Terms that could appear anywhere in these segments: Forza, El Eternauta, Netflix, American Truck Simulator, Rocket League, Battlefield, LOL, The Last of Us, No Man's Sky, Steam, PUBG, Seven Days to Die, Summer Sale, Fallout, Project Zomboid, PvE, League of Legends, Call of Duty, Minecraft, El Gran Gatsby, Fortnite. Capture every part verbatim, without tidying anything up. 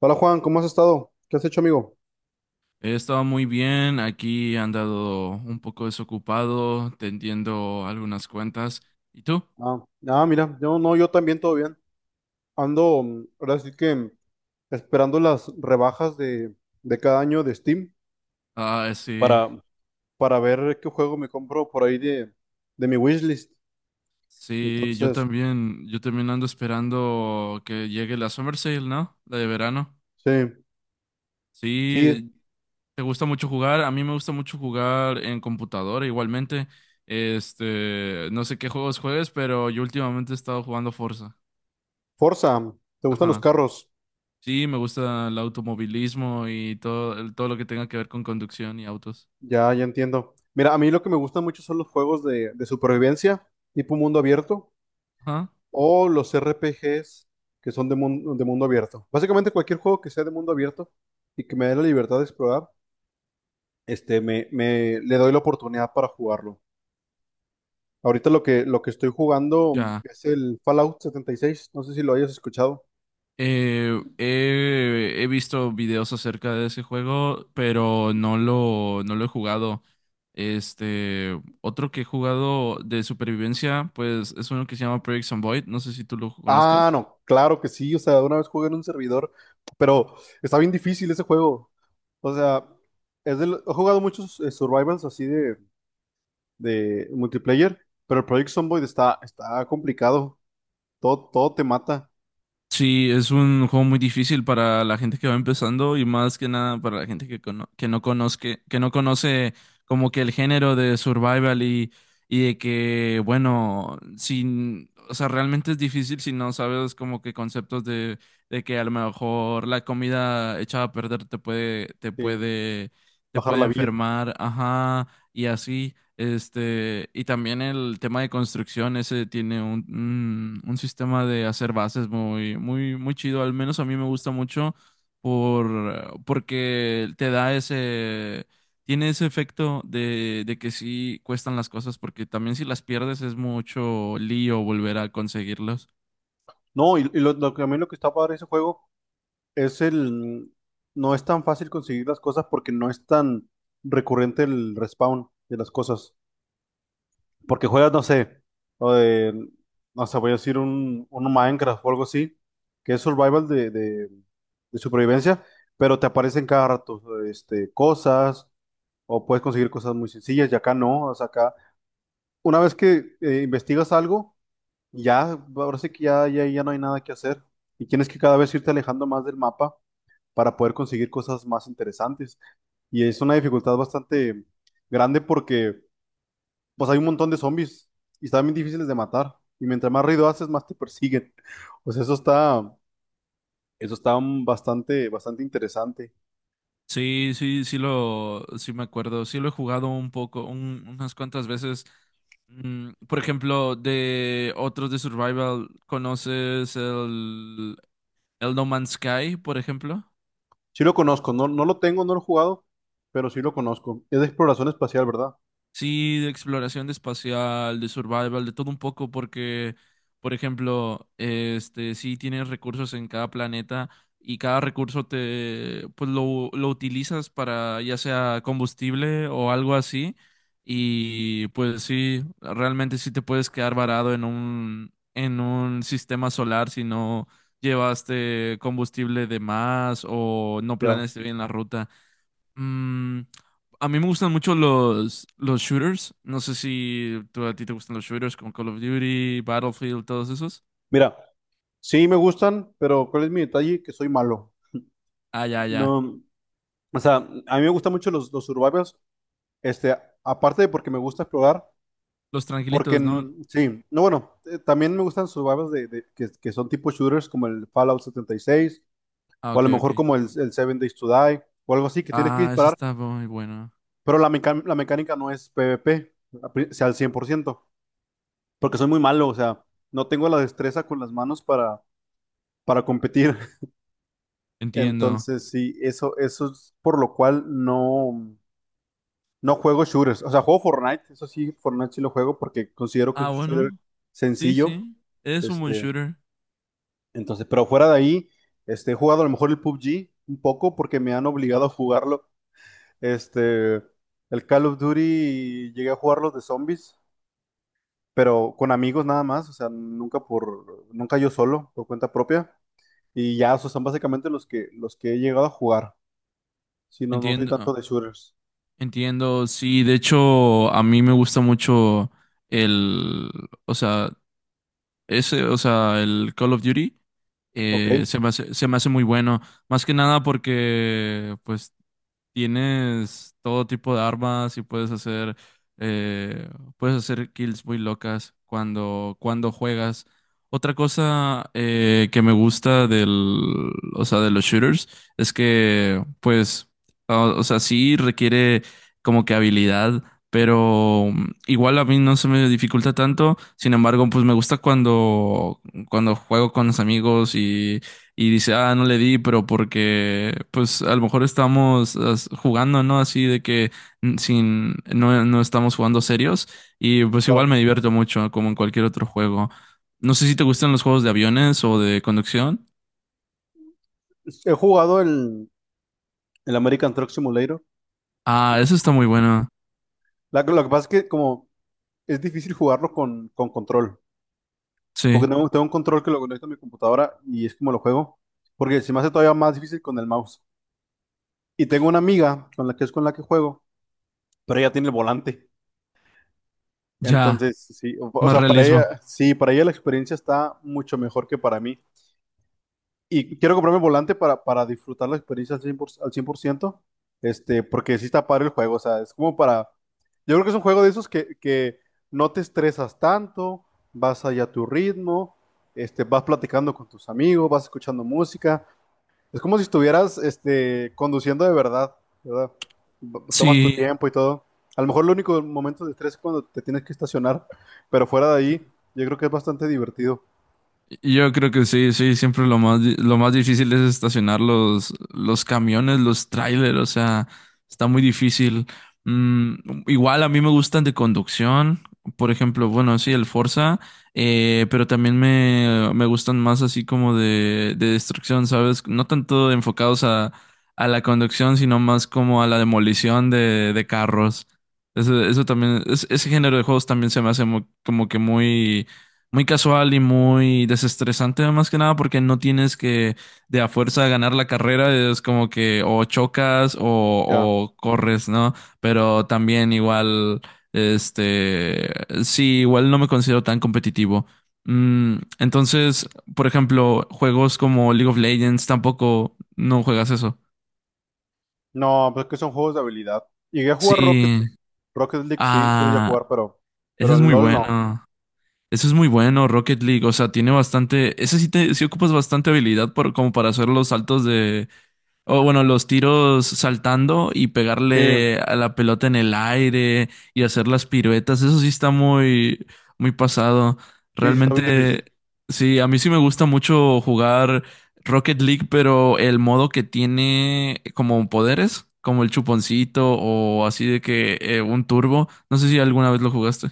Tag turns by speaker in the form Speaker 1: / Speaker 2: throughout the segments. Speaker 1: Hola Juan, ¿cómo has estado? ¿Qué has hecho, amigo?
Speaker 2: He estado muy bien, aquí he andado un poco desocupado, tendiendo algunas cuentas. ¿Y tú?
Speaker 1: Ah, ah, mira, yo no, yo también todo bien. Ando, mm, ahora sí que mm, esperando las rebajas de, de cada año de Steam
Speaker 2: Ah, sí,
Speaker 1: para, para ver qué juego me compro por ahí de, de mi wishlist.
Speaker 2: sí, yo
Speaker 1: Entonces,
Speaker 2: también, yo también ando esperando que llegue la Summer Sale, ¿no? La de verano.
Speaker 1: sí, sí,
Speaker 2: Sí, ¿te gusta mucho jugar? A mí me gusta mucho jugar en computadora igualmente. Este, no sé qué juegos juegues, pero yo últimamente he estado jugando Forza.
Speaker 1: Forza, ¿te gustan los
Speaker 2: Ajá.
Speaker 1: carros?
Speaker 2: Sí, me gusta el automovilismo y todo, el- todo lo que tenga que ver con conducción y autos.
Speaker 1: Ya, ya entiendo. Mira, a mí lo que me gustan mucho son los juegos de, de supervivencia, tipo mundo abierto.
Speaker 2: Ajá.
Speaker 1: O los R P Gs que son de mundo, de mundo abierto. Básicamente cualquier juego que sea de mundo abierto y que me dé la libertad de explorar, este, me, me- le doy la oportunidad para jugarlo. Ahorita lo que, lo que estoy jugando
Speaker 2: Ya,
Speaker 1: es el Fallout setenta y seis, no sé si lo hayas escuchado.
Speaker 2: eh, he, he visto videos acerca de ese juego, pero no lo, no lo he jugado. Este, otro que he jugado de supervivencia, pues es uno que se llama Project Zomboid, no sé si tú lo
Speaker 1: Ah,
Speaker 2: conozcas.
Speaker 1: no, claro que sí, o sea, una vez jugué en un servidor, pero está bien difícil ese juego. O sea, es del- he jugado muchos eh, survivals así de, de multiplayer, pero el Project Zomboid está, está complicado. Todo, todo te mata,
Speaker 2: Sí, es un juego muy difícil para la gente que va empezando y más que nada para la gente que, cono- que no conozca, que no conoce como que el género de survival y, y de que, bueno, sin, o sea, realmente es difícil si no sabes como que conceptos de, de que a lo mejor la comida echada a perder te puede, te
Speaker 1: eh,
Speaker 2: puede, te
Speaker 1: bajar
Speaker 2: puede
Speaker 1: la vida.
Speaker 2: enfermar, ajá, y así. Este, y también el tema de construcción, ese tiene un, un, un sistema de hacer bases muy, muy, muy chido. Al menos a mí me gusta mucho por, porque te da ese, tiene ese efecto de, de que sí cuestan las cosas, porque también si las pierdes es mucho lío volver a conseguirlas.
Speaker 1: No, y, y lo, lo que a mí lo que está padre de ese juego es el... No es tan fácil conseguir las cosas porque no es tan recurrente el respawn de las cosas. Porque juegas, no sé, o de- no sé, voy a decir un, un Minecraft o algo así, que es survival de, de, de supervivencia, pero te aparecen cada rato, este, cosas, o puedes conseguir cosas muy sencillas, y acá no, o sea, acá... Una vez que eh, investigas algo. Ya, ahora sí que ya, ya, ya no hay nada que hacer. Y tienes que cada vez irte alejando más del mapa para poder conseguir cosas más interesantes. Y es una dificultad bastante grande porque pues hay un montón de zombies y están bien difíciles de matar. Y mientras más ruido haces, más te persiguen. Pues eso está, eso está mm, bastante, bastante interesante.
Speaker 2: Sí, sí, sí lo, sí me acuerdo, sí lo he jugado un poco, un- unas cuantas veces. Mm, por ejemplo, de otros de Survival, ¿conoces el, el No Man's Sky, por ejemplo?
Speaker 1: Sí lo conozco, no, no lo tengo, no lo he jugado, pero sí lo conozco. Es de exploración espacial, ¿verdad?
Speaker 2: Sí, de exploración de espacial, de survival, de todo un poco, porque, por ejemplo, este, sí tienes recursos en cada planeta y cada recurso te, pues lo, lo utilizas para ya sea combustible o algo así. Y pues sí, realmente sí te puedes quedar varado en un, en un sistema solar si no llevaste combustible de más o no
Speaker 1: Ya.
Speaker 2: planeaste bien la ruta. Mm, a mí me gustan mucho los, los shooters. No sé si tú, a ti te gustan los shooters como Call of Duty, Battlefield, todos esos.
Speaker 1: Mira, sí me gustan, pero ¿cuál es mi detalle? Que soy malo.
Speaker 2: Ah, ya, ya.
Speaker 1: No. O sea, a mí me gustan mucho los, los survivals, este, aparte de porque me gusta explorar,
Speaker 2: Los
Speaker 1: porque
Speaker 2: tranquilitos, ¿no?
Speaker 1: mm, sí, no, bueno, eh, también me gustan survivals de, de- que, que son tipo shooters como el Fallout setenta y seis
Speaker 2: Ah,
Speaker 1: o a
Speaker 2: ok,
Speaker 1: lo
Speaker 2: ok.
Speaker 1: mejor como el, el Seven Days to Die, o algo así, que tienes que
Speaker 2: Ah, ese
Speaker 1: disparar,
Speaker 2: está muy bueno.
Speaker 1: pero la, meca- la mecánica no es PvP, a pri- o sea, al cien por ciento, porque soy muy malo, o sea, no tengo la destreza con las manos para, para competir.
Speaker 2: Entiendo.
Speaker 1: Entonces, sí, eso, eso es por lo cual no. No juego shooters, o sea, juego Fortnite, eso sí, Fortnite sí lo juego porque considero que es
Speaker 2: Ah,
Speaker 1: un shooter
Speaker 2: bueno. Sí,
Speaker 1: sencillo,
Speaker 2: sí. Es un buen
Speaker 1: este,
Speaker 2: shooter.
Speaker 1: entonces, pero fuera de ahí, este, he jugado a lo mejor el P U B G un poco porque me han obligado a jugarlo, este, el Call of Duty llegué a jugar los de zombies, pero con amigos nada más, o sea, nunca por, nunca yo solo, por cuenta propia, y ya, esos son básicamente los que, los que he llegado a jugar, si no, no soy
Speaker 2: Entiendo.
Speaker 1: tanto
Speaker 2: ah,
Speaker 1: de shooters,
Speaker 2: Entiendo. Sí, de hecho, a mí me gusta mucho el, o sea, ese, o sea, el Call of Duty,
Speaker 1: ok,
Speaker 2: eh, se me hace, se me hace muy bueno. Más que nada porque, pues, tienes todo tipo de armas y puedes hacer, eh, puedes hacer kills muy locas cuando cuando juegas. Otra cosa, eh, que me gusta del, o sea, de los shooters es que, pues, o, o sea, sí requiere como que habilidad, pero mm, igual a mí no se me dificulta tanto. Sin embargo, pues me gusta cuando cuando juego con los amigos y dice, ah, no le di, pero porque, pues, a lo mejor estamos as- jugando, ¿no? Así de que mm, sin, no, no estamos jugando serios y pues
Speaker 1: claro.
Speaker 2: igual me divierto mucho, como en cualquier otro juego. No sé si te gustan los juegos de aviones o de conducción.
Speaker 1: He jugado el, el American Truck Simulator.
Speaker 2: Ah,
Speaker 1: Igual
Speaker 2: eso está muy
Speaker 1: con-
Speaker 2: bueno.
Speaker 1: la- lo que pasa es que como es difícil jugarlo con, con control, porque
Speaker 2: Sí,
Speaker 1: tengo, tengo un control que lo conecto a mi computadora y es como lo juego, porque se me hace todavía más difícil con el mouse. Y tengo una amiga con la que es con la que juego, pero ella tiene el volante.
Speaker 2: ya,
Speaker 1: Entonces, sí, o, o
Speaker 2: más
Speaker 1: sea, para ella,
Speaker 2: realismo.
Speaker 1: sí, para ella la experiencia está mucho mejor que para mí. Y quiero comprarme el volante para, para disfrutar la experiencia al cien por ciento, al cien por ciento, este, porque sí está padre el juego, o sea, es como para... Yo creo que es un juego de esos que, que no te estresas tanto, vas allá a tu ritmo, este, vas platicando con tus amigos, vas escuchando música. Es como si estuvieras este, conduciendo de verdad, ¿verdad? B- Tomas tu
Speaker 2: Sí.
Speaker 1: tiempo y todo. A lo mejor el único momento de estrés es cuando te tienes que estacionar, pero fuera de ahí, yo creo que es bastante divertido.
Speaker 2: Yo creo que sí, sí, siempre lo más, di- lo más difícil es estacionar los, los camiones, los trailers, o sea, está muy difícil. Mm, igual a mí me gustan de conducción, por ejemplo, bueno, sí, el Forza, eh, pero también me, me gustan más así como de, de destrucción, ¿sabes? No tanto enfocados a, a la conducción, sino más como a la demolición de, de carros. Eso, eso también, es- ese género de juegos también se me hace mu- como que muy muy casual y muy desestresante, más que nada, porque no tienes que de a fuerza ganar la carrera, es como que o chocas o,
Speaker 1: Ya.
Speaker 2: o corres, ¿no? Pero también igual, este, sí, igual no me considero tan competitivo. Mm, entonces, por ejemplo, juegos como League of Legends tampoco no juegas eso.
Speaker 1: No, pues es que son juegos de habilidad. Llegué a jugar Rocket
Speaker 2: Sí.
Speaker 1: League. Rocket League sí, sí lo llegué a
Speaker 2: Ah,
Speaker 1: jugar, pero,
Speaker 2: ese
Speaker 1: pero
Speaker 2: es
Speaker 1: el
Speaker 2: muy
Speaker 1: LOL no.
Speaker 2: bueno. Eso es muy bueno, Rocket League. O sea, tiene bastante. Ese sí te sí ocupas bastante habilidad por, como para hacer los saltos de. O bueno, los tiros saltando y
Speaker 1: Sí,
Speaker 2: pegarle a la pelota en el aire y hacer las piruetas. Eso sí está muy, muy pasado.
Speaker 1: sí, sí está bien difícil.
Speaker 2: Realmente, sí, a mí sí me gusta mucho jugar Rocket League, pero el modo que tiene como poderes, como el chuponcito o así de que, eh, un turbo. No sé si alguna vez lo jugaste.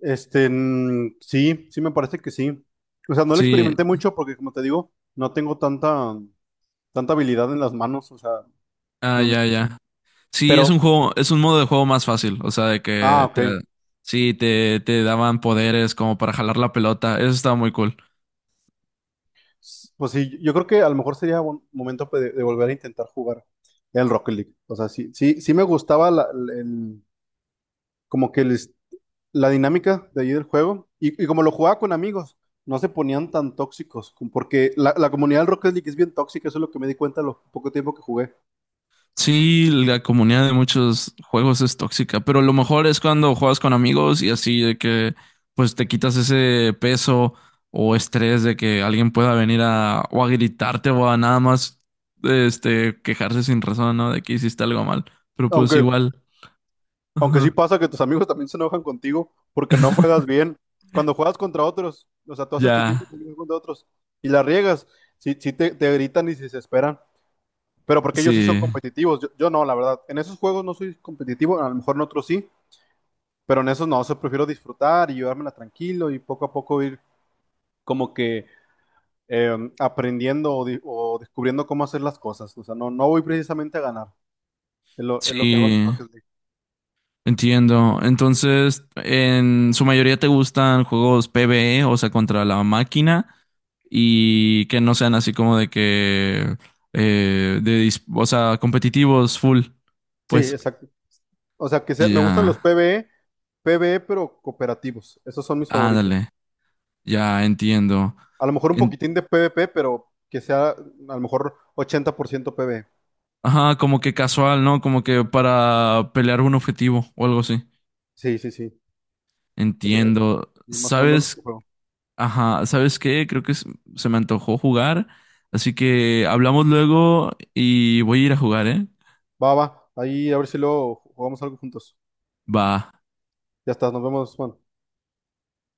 Speaker 1: Este, mm, sí, sí me parece que sí. O sea, no lo
Speaker 2: Sí,
Speaker 1: experimenté mucho porque, como te digo, no tengo tanta, tanta habilidad en las manos. O sea,
Speaker 2: ah,
Speaker 1: mm,
Speaker 2: ya, ya. Sí,
Speaker 1: pero,
Speaker 2: es un juego, es un modo de juego más fácil, o sea, de
Speaker 1: ah,
Speaker 2: que
Speaker 1: ok.
Speaker 2: te, sí, te, te daban poderes como para jalar la pelota, eso estaba muy cool.
Speaker 1: S- Pues sí, yo creo que a lo mejor sería buen momento pe- de, volver a intentar jugar el Rocket League. O sea, sí, sí, sí me gustaba la- el, el- como que el, la dinámica de ahí del juego. Y, y como lo jugaba con amigos, no se ponían tan tóxicos, com- porque la, la comunidad del Rocket League es bien tóxica, eso es lo que me di cuenta lo poco tiempo que jugué.
Speaker 2: Sí, la comunidad de muchos juegos es tóxica, pero lo mejor es cuando juegas con amigos y así de que pues te quitas ese peso o estrés de que alguien pueda venir a o a gritarte o a nada más este quejarse sin razón, ¿no? De que hiciste algo mal. Pero pues
Speaker 1: Aunque,
Speaker 2: igual,
Speaker 1: aunque sí
Speaker 2: ajá,
Speaker 1: pasa que tus amigos también se enojan contigo porque no juegas bien. Cuando juegas contra otros, o sea, tú haces tu tiempo
Speaker 2: ya,
Speaker 1: también contra otros y la riegas, sí, sí te, te gritan y se desesperan. Pero porque ellos sí son
Speaker 2: sí,
Speaker 1: competitivos, yo, yo no, la verdad. En esos juegos no soy competitivo, a lo mejor en otros sí, pero en esos no, o sea, prefiero disfrutar y llevármela tranquilo y poco a poco ir como que eh, aprendiendo o, di- o descubriendo cómo hacer las cosas. O sea, no, no voy precisamente a ganar. Es lo, es lo que hago en
Speaker 2: sí.
Speaker 1: Rocket League.
Speaker 2: Entiendo. Entonces, en su mayoría te gustan juegos PvE, o sea, contra la máquina, y que no sean así como de que, eh, de, dis- o sea, competitivos full.
Speaker 1: Sí, sí,
Speaker 2: Pues,
Speaker 1: exacto. O sea, que se- me
Speaker 2: ya,
Speaker 1: gustan los PvE, PvE, pero cooperativos. Esos son mis favoritos.
Speaker 2: ándale, ya entiendo.
Speaker 1: A lo mejor un
Speaker 2: En-
Speaker 1: poquitín de PvP, pero que sea a lo mejor ochenta por ciento PvE.
Speaker 2: Ajá, como que casual, ¿no? Como que para pelear un objetivo o algo así.
Speaker 1: Sí, sí, sí. Pues, eh,
Speaker 2: Entiendo.
Speaker 1: y más o menos lo que
Speaker 2: ¿Sabes?
Speaker 1: juego.
Speaker 2: Ajá, ¿sabes qué? Creo que s- se me antojó jugar, así que hablamos luego y voy a ir a jugar, ¿eh?
Speaker 1: Va, va. Ahí a ver si luego jugamos algo juntos.
Speaker 2: Va.
Speaker 1: Ya está, nos vemos, Juan.